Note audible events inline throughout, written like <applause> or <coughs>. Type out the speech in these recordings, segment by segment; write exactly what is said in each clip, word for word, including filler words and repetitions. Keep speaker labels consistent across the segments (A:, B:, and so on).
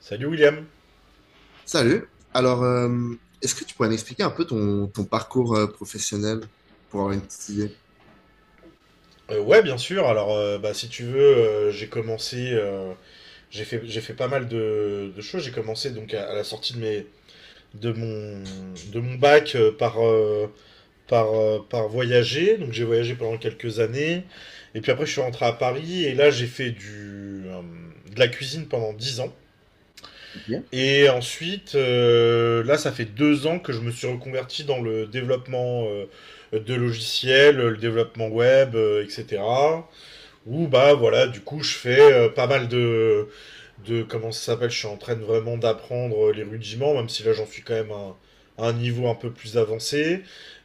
A: Salut William.
B: Salut. Alors, euh, est-ce que tu pourrais m'expliquer un peu ton, ton parcours euh, professionnel pour avoir une petite idée?
A: Euh, ouais, bien sûr. Alors, euh, bah, si tu veux, euh, j'ai commencé, euh, j'ai fait, j'ai fait pas mal de, de choses. J'ai commencé donc à, à la sortie de mes, de mon, de mon bac euh, par, euh, par, euh, par voyager. Donc, j'ai voyagé pendant quelques années. Et puis après, je suis rentré à Paris et là, j'ai fait du, euh, de la cuisine pendant dix ans.
B: Ok.
A: Et ensuite, euh, là, ça fait deux ans que je me suis reconverti dans le développement euh, de logiciels, le développement web, euh, et cetera. Où bah voilà, du coup je fais euh, pas mal de, de comment ça s'appelle, je suis en train de vraiment d'apprendre euh, les rudiments, même si là j'en suis quand même à un, à un niveau un peu plus avancé.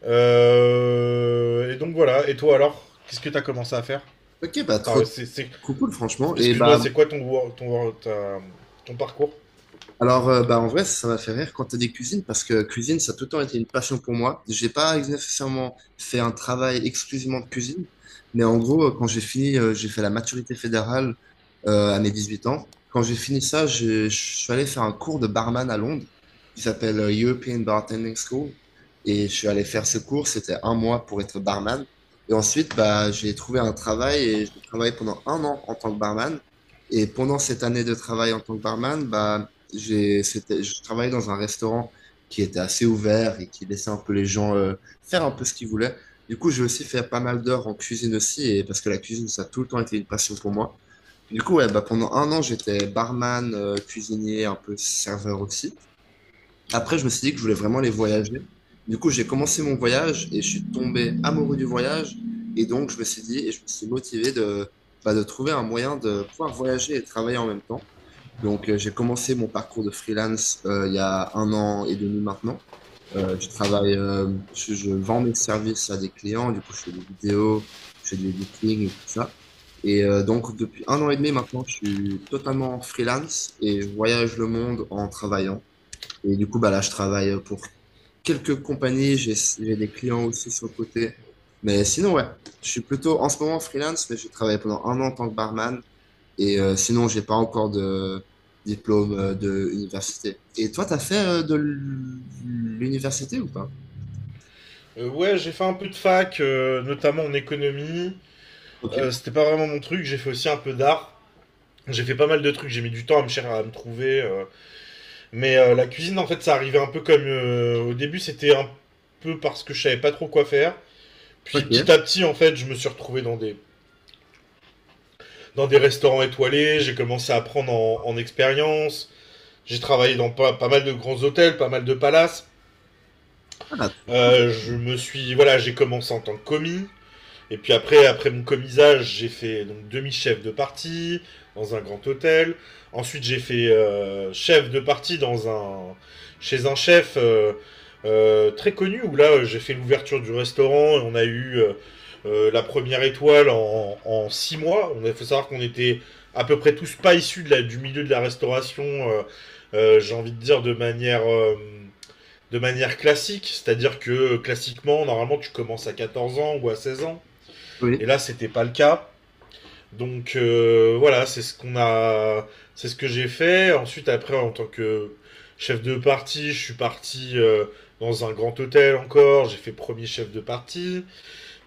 A: Euh, et donc voilà, et toi alors, qu'est-ce que t'as commencé à faire?
B: Ok, bah trop
A: Enfin, c'est- c'est-
B: cool, cool, franchement. Et
A: excuse-moi,
B: bah.
A: c'est quoi ton, wor- ton, wor- ta- ton parcours?
B: Alors, euh, bah, en vrai, ça m'a fait rire quand tu as dit cuisine, parce que cuisine, ça a tout le temps été une passion pour moi. J'ai pas nécessairement fait un travail exclusivement de cuisine, mais en gros, euh, quand j'ai fini, euh, j'ai fait la maturité fédérale euh, à mes dix-huit ans. Quand j'ai fini ça, je, je suis allé faire un cours de barman à Londres qui s'appelle euh, European Bartending School. Et je suis allé faire ce cours, c'était un mois pour être barman. Et ensuite, bah, j'ai trouvé un travail et j'ai travaillé pendant un an en tant que barman. Et pendant cette année de travail en tant que barman, bah, j'ai, c'était, je travaillais dans un restaurant qui était assez ouvert et qui laissait un peu les gens euh, faire un peu ce qu'ils voulaient. Du coup, j'ai aussi fait pas mal d'heures en cuisine aussi, et parce que la cuisine, ça a tout le temps été une passion pour moi. Du coup, ouais, bah, pendant un an, j'étais barman, euh, cuisinier, un peu serveur aussi. Après, je me suis dit que je voulais vraiment aller voyager. Du coup, j'ai commencé mon voyage et je suis tombé amoureux du voyage. Et donc, je me suis dit, et je me suis motivé de, bah, de trouver un moyen de pouvoir voyager et travailler en même temps. Donc, euh, j'ai commencé mon parcours de freelance euh, il y a un an et demi maintenant. Euh, je travaille, euh, je, je vends mes services à des clients. Du coup, je fais des vidéos, je fais du editing et tout ça. Et euh, donc, depuis un an et demi maintenant, je suis totalement freelance et je voyage le monde en travaillant. Et du coup, bah là, je travaille pour quelques compagnies. J'ai, j'ai des clients aussi sur le côté. Mais sinon, ouais, je suis plutôt en ce moment freelance, mais j'ai travaillé pendant un an en tant que barman. Et euh, sinon, j'ai pas encore de diplôme euh, de université. Et toi, t'as fait euh, de l'université ou pas?
A: Euh, ouais, j'ai fait un peu de fac, euh, notamment en économie.
B: Ok.
A: Euh, c'était pas vraiment mon truc, j'ai fait aussi un peu d'art. J'ai fait pas mal de trucs, j'ai mis du temps à me cher- à me trouver. Euh, Mais euh, la cuisine, en fait, ça arrivait un peu comme euh, au début, c'était un peu parce que je savais pas trop quoi faire. Puis petit
B: Ok.
A: à petit, en fait, je me suis retrouvé dans des, dans des restaurants étoilés, j'ai commencé à prendre en, en expérience, j'ai travaillé dans pas, pas mal de grands hôtels, pas mal de palaces.
B: Ah, c'est cool.
A: Euh, je me suis, voilà, j'ai commencé en tant que commis. Et puis après, après mon commisage, j'ai fait donc demi-chef de parti dans un grand hôtel. Ensuite, j'ai fait euh, chef de parti dans un chez un chef euh, euh, très connu où là, j'ai fait l'ouverture du restaurant et on a eu euh, euh, la première étoile en, en six mois. On a faut savoir qu'on était à peu près tous pas issus de la, du milieu de la restauration. euh, euh, j'ai envie de dire de manière euh, de manière classique, c'est-à-dire que classiquement, normalement, tu commences à quatorze ans ou à seize ans. Et
B: Oui.
A: là, c'était pas le cas. Donc euh, voilà, c'est ce qu'on a, c'est ce que j'ai fait. Ensuite, après, en tant que chef de parti, je suis parti euh, dans un grand hôtel encore. J'ai fait premier chef de parti.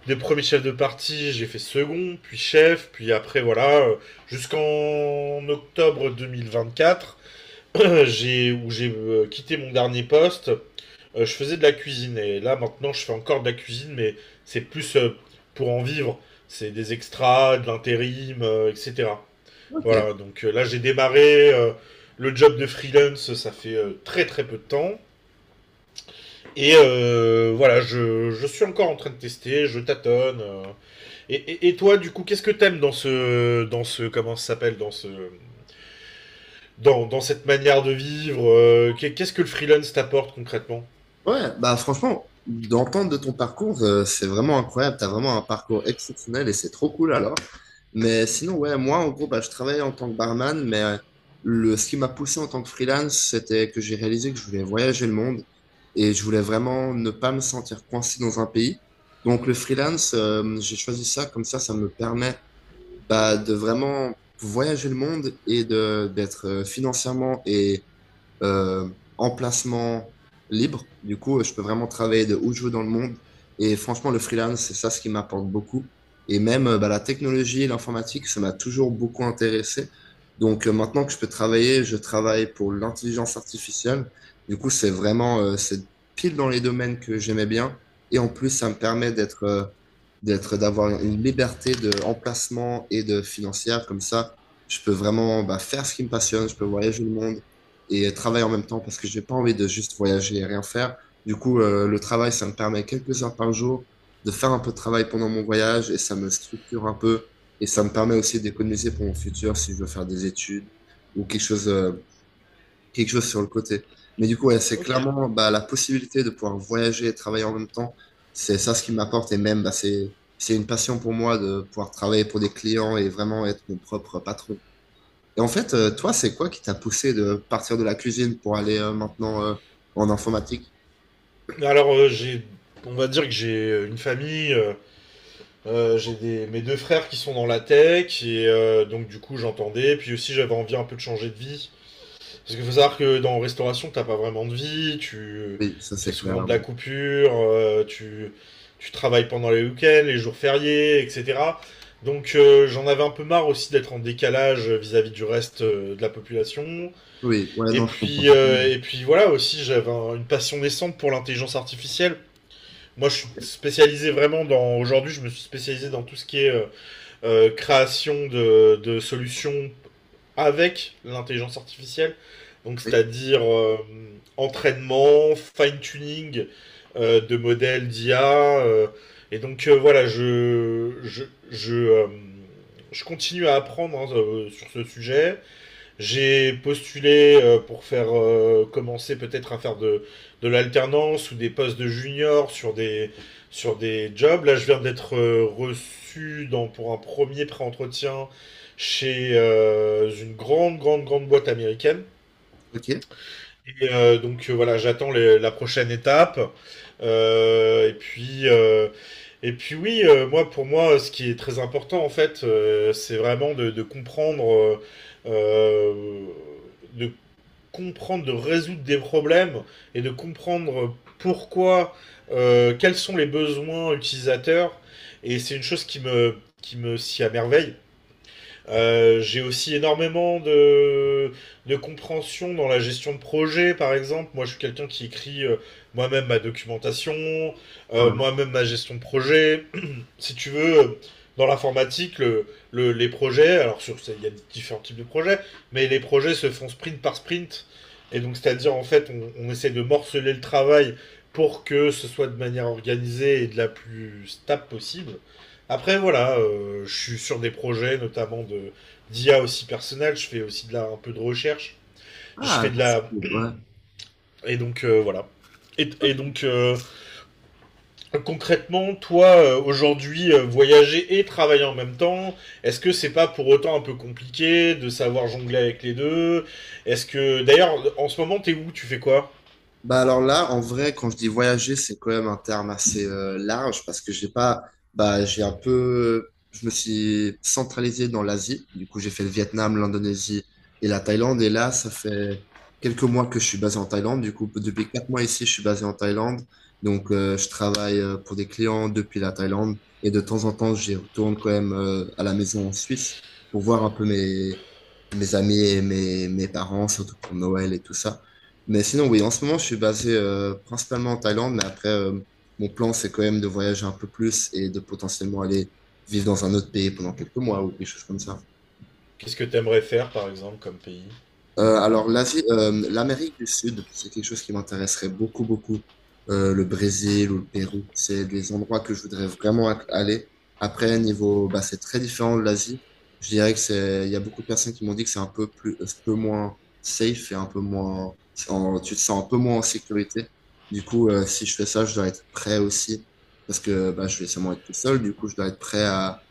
A: Des premiers chefs de parti, j'ai fait second, puis chef, puis après voilà, euh, jusqu'en octobre deux mille vingt-quatre, <clears throat> <coughs> j'ai où j'ai euh, quitté mon dernier poste. Euh, je faisais de la cuisine et là maintenant je fais encore de la cuisine, mais c'est plus euh, pour en vivre. C'est des extras, de l'intérim, euh, et cetera.
B: Ok.
A: Voilà, donc euh, là j'ai démarré euh, le job de freelance, ça fait euh, très très peu de temps. Et euh, voilà, je, je suis encore en train de tester, je tâtonne. Euh. Et, et- et toi, du coup, qu'est-ce que t'aimes dans ce, dans ce, comment ça s'appelle, dans ce, dans, dans cette manière de vivre, euh, qu'est- Qu'est-ce que le freelance t'apporte concrètement?
B: Ouais, bah franchement, d'entendre de ton parcours, euh, c'est vraiment incroyable. T'as vraiment un parcours exceptionnel et c'est trop cool alors. Mais sinon, ouais, moi, en gros, bah, je travaillais en tant que barman, mais euh, le, ce qui m'a poussé en tant que freelance, c'était que j'ai réalisé que je voulais voyager le monde et je voulais vraiment ne pas me sentir coincé dans un pays. Donc, le freelance, euh, j'ai choisi ça, comme ça, ça me permet bah, de vraiment voyager le monde et de d'être euh, financièrement et euh, emplacement libre. Du coup, euh, je peux vraiment travailler de où je veux dans le monde. Et franchement, le freelance, c'est ça ce qui m'apporte beaucoup. Et même euh, bah, la technologie et l'informatique, ça m'a toujours beaucoup intéressé. Donc euh, maintenant que je peux travailler, je travaille pour l'intelligence artificielle. Du coup, c'est vraiment, euh, c'est pile dans les domaines que j'aimais bien. Et en plus, ça me permet d'être, euh, d'être, d'avoir une liberté de emplacement et de financière. Comme ça, je peux vraiment bah, faire ce qui me passionne. Je peux voyager le monde et euh, travail en même temps parce que j'ai pas envie de juste voyager et rien faire. Du coup, euh, le travail, ça me permet quelques heures par jour de faire un peu de travail pendant mon voyage et ça me structure un peu et ça me permet aussi d'économiser pour mon futur si je veux faire des études ou quelque chose, euh, quelque chose sur le côté. Mais du coup, ouais, c'est
A: Ok.
B: clairement bah, la possibilité de pouvoir voyager et travailler en même temps. C'est ça ce qui m'apporte et même bah, c'est c'est une passion pour moi de pouvoir travailler pour des clients et vraiment être mon propre patron. Et en fait, euh, toi, c'est quoi qui t'a poussé de partir de la cuisine pour aller euh, maintenant euh, en informatique?
A: Alors, euh, j'ai, on va dire que j'ai euh, une famille, euh, euh, j'ai des, mes deux frères qui sont dans la tech, et euh, donc du coup j'entendais, puis aussi j'avais envie un peu de changer de vie. Parce qu'il faut savoir que dans restauration, t'as pas vraiment de vie, tu
B: Oui, ça
A: fais
B: c'est clair.
A: souvent de la
B: Oui,
A: coupure, euh, tu, tu travailles pendant les week-ends, les jours fériés, et cetera. Donc euh, j'en avais un peu marre aussi d'être en décalage vis-à-vis du reste euh, de la population.
B: oui, ouais,
A: Et
B: non, je comprends
A: puis,
B: pas.
A: euh, et puis voilà, aussi j'avais un- une passion naissante pour l'intelligence artificielle. Moi, je suis spécialisé vraiment dans. Aujourd'hui, je me suis spécialisé dans tout ce qui est euh, euh, création de, de solutions avec l'intelligence artificielle. Donc,
B: Oui,
A: c'est-à-dire euh, entraînement, fine-tuning euh, de modèles d'I A. Euh, et donc euh, voilà, je, je, je, euh, je continue à apprendre hein, euh, sur ce sujet. J'ai postulé euh, pour faire euh, commencer peut-être à faire de, de l'alternance ou des postes de junior sur des, sur des jobs. Là, je viens d'être euh, reçu dans, pour un premier pré-entretien chez euh, une grande, grande, grande boîte américaine.
B: ok.
A: Et euh, donc euh, voilà, j'attends les- la prochaine étape. Euh, et puis, euh, et puis oui, euh, moi pour moi, ce qui est très important en fait, euh, c'est vraiment de, de comprendre, euh, euh, de comprendre, de résoudre des problèmes et de comprendre pourquoi, euh, quels sont les besoins utilisateurs. Et c'est une chose qui me, qui me s'y à merveille. Euh, j'ai aussi énormément de, de compréhension dans la gestion de projet, par exemple. Moi, je suis quelqu'un qui écrit euh, moi-même ma documentation, euh,
B: Ouais.
A: moi-même ma gestion de projet si tu veux, dans l'informatique, le, le- les projets, alors sur, il y a différents types de projets, mais les projets se font sprint par sprint. Et donc, c'est-à-dire, en fait, on, on essaie de morceler le travail pour que ce soit de manière organisée et de la plus stable possible. Après, voilà, euh, je suis sur des projets, notamment de d'I A aussi personnel. Je fais aussi de la, un peu de recherche. Je
B: Ah,
A: fais de
B: c'est
A: la.
B: cool. Ouais.
A: Et donc euh, voilà. Et, et donc, euh, concrètement, toi, euh, aujourd'hui, euh, voyager et travailler en même temps, est-ce que c'est pas pour autant un peu compliqué de savoir jongler avec les deux? Est-ce que, d'ailleurs, en ce moment, t'es où? Tu fais quoi?
B: Bah alors là, en vrai, quand je dis voyager, c'est quand même un terme assez euh, large parce que j'ai pas, bah j'ai un peu, je me suis centralisé dans l'Asie. Du coup, j'ai fait le Vietnam, l'Indonésie et la Thaïlande. Et là, ça fait quelques mois que je suis basé en Thaïlande. Du coup, depuis quatre mois ici, je suis basé en Thaïlande. Donc, euh, je travaille euh, pour des clients depuis la Thaïlande et de temps en temps, j'y retourne quand même euh, à la maison en Suisse pour voir un peu mes mes amis et mes mes parents, surtout pour Noël et tout ça. Mais sinon, oui, en ce moment, je suis basé euh, principalement en Thaïlande, mais après, euh, mon plan, c'est quand même de voyager un peu plus et de potentiellement aller vivre dans un autre pays pendant quelques mois ou quelque chose comme ça.
A: Qu'est-ce que t'aimerais faire, par exemple, comme pays?
B: Euh, alors, l'Asie, euh, l'Amérique du Sud, c'est quelque chose qui m'intéresserait beaucoup, beaucoup. Euh, le Brésil ou le Pérou, c'est des endroits que je voudrais vraiment a- aller. Après, niveau, bah, c'est très différent de l'Asie. Je dirais que c'est, il y a beaucoup de personnes qui m'ont dit que c'est un peu plus, un peu moins safe et un peu moins, en- tu te sens un peu moins en sécurité. Du coup, euh, si je fais ça, je dois être prêt aussi parce que bah, je vais sûrement être tout seul. Du coup, je dois être prêt à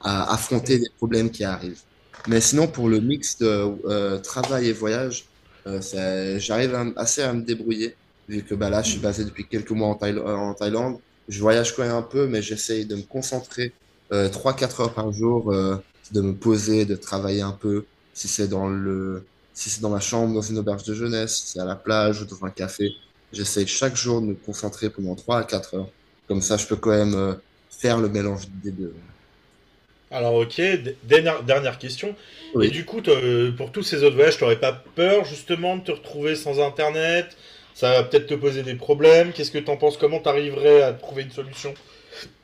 B: à affronter
A: Hmm.
B: les problèmes qui arrivent. Mais sinon, pour le mix de euh, travail et voyage, euh, ça- j'arrive à m- assez à me débrouiller, vu que bah, là, je suis basé depuis quelques mois en Thaï- euh, en Thaïlande. Je voyage quand même un peu, mais j'essaye de me concentrer euh, trois quatre heures par jour, euh, de me poser, de travailler un peu, si c'est dans le, si c'est dans ma chambre, dans une auberge de jeunesse, si c'est à la plage ou dans un café. J'essaye chaque jour de me concentrer pendant trois à quatre heures. Comme ça, je peux quand même euh, faire le mélange des deux.
A: Alors, ok, d- dernière, dernière question. Et
B: Oui.
A: du coup, toi, euh, pour tous ces autres voyages, t'aurais pas peur, justement, de te retrouver sans Internet? Ça va peut-être te poser des problèmes. Qu'est-ce que t'en penses? Comment t'arriverais à trouver une solution?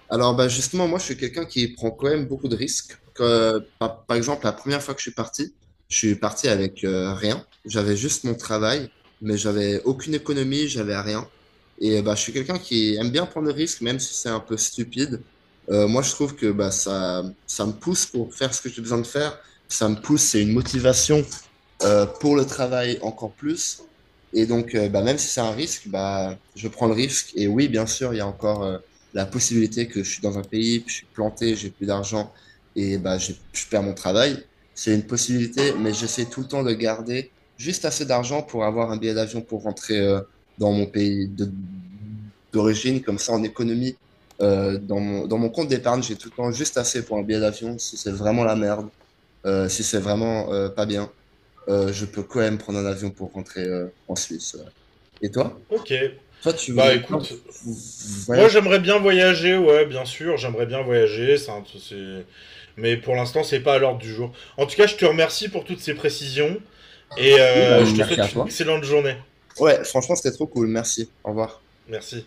B: Alors bah justement, moi je suis quelqu'un qui prend quand même beaucoup de risques. Que, par, par exemple, la première fois que je suis parti, je suis parti avec euh, rien. J'avais juste mon travail, mais j'avais aucune économie, j'avais rien. Et bah je suis quelqu'un qui aime bien prendre des risques, même si c'est un peu stupide. Euh, moi je trouve que bah ça ça me pousse pour faire ce que j'ai besoin de faire. Ça me pousse, c'est une motivation euh, pour le travail encore plus. Et donc, euh, bah, même si c'est un risque, bah, je prends le risque. Et oui, bien sûr, il y a encore euh, la possibilité que je suis dans un pays, puis je suis planté, j'ai plus d'argent et bah, j'ai- je perds mon travail. C'est une possibilité, mais j'essaie tout le temps de garder juste assez d'argent pour avoir un billet d'avion pour rentrer euh, dans mon pays de- d'origine. Comme ça, en économie, euh, dans mon, dans mon compte d'épargne, j'ai tout le temps juste assez pour un billet d'avion si c'est vraiment la merde, euh, si c'est vraiment euh, pas bien euh, je peux quand même prendre un avion pour rentrer euh, en Suisse. Ouais. Et toi?
A: Ok.
B: Toi, tu
A: Bah
B: voudrais bien v-
A: écoute,
B: v-
A: moi,
B: voyager?
A: j'aimerais bien voyager, ouais, bien sûr, j'aimerais bien voyager, c'est un- c'est- mais pour l'instant, c'est pas à l'ordre du jour. En tout cas, je te remercie pour toutes ces précisions et
B: Oui, bah,
A: euh, je te
B: merci à
A: souhaite une
B: toi.
A: excellente journée.
B: Ouais, franchement, c'était trop cool. Merci. Au revoir.
A: Merci.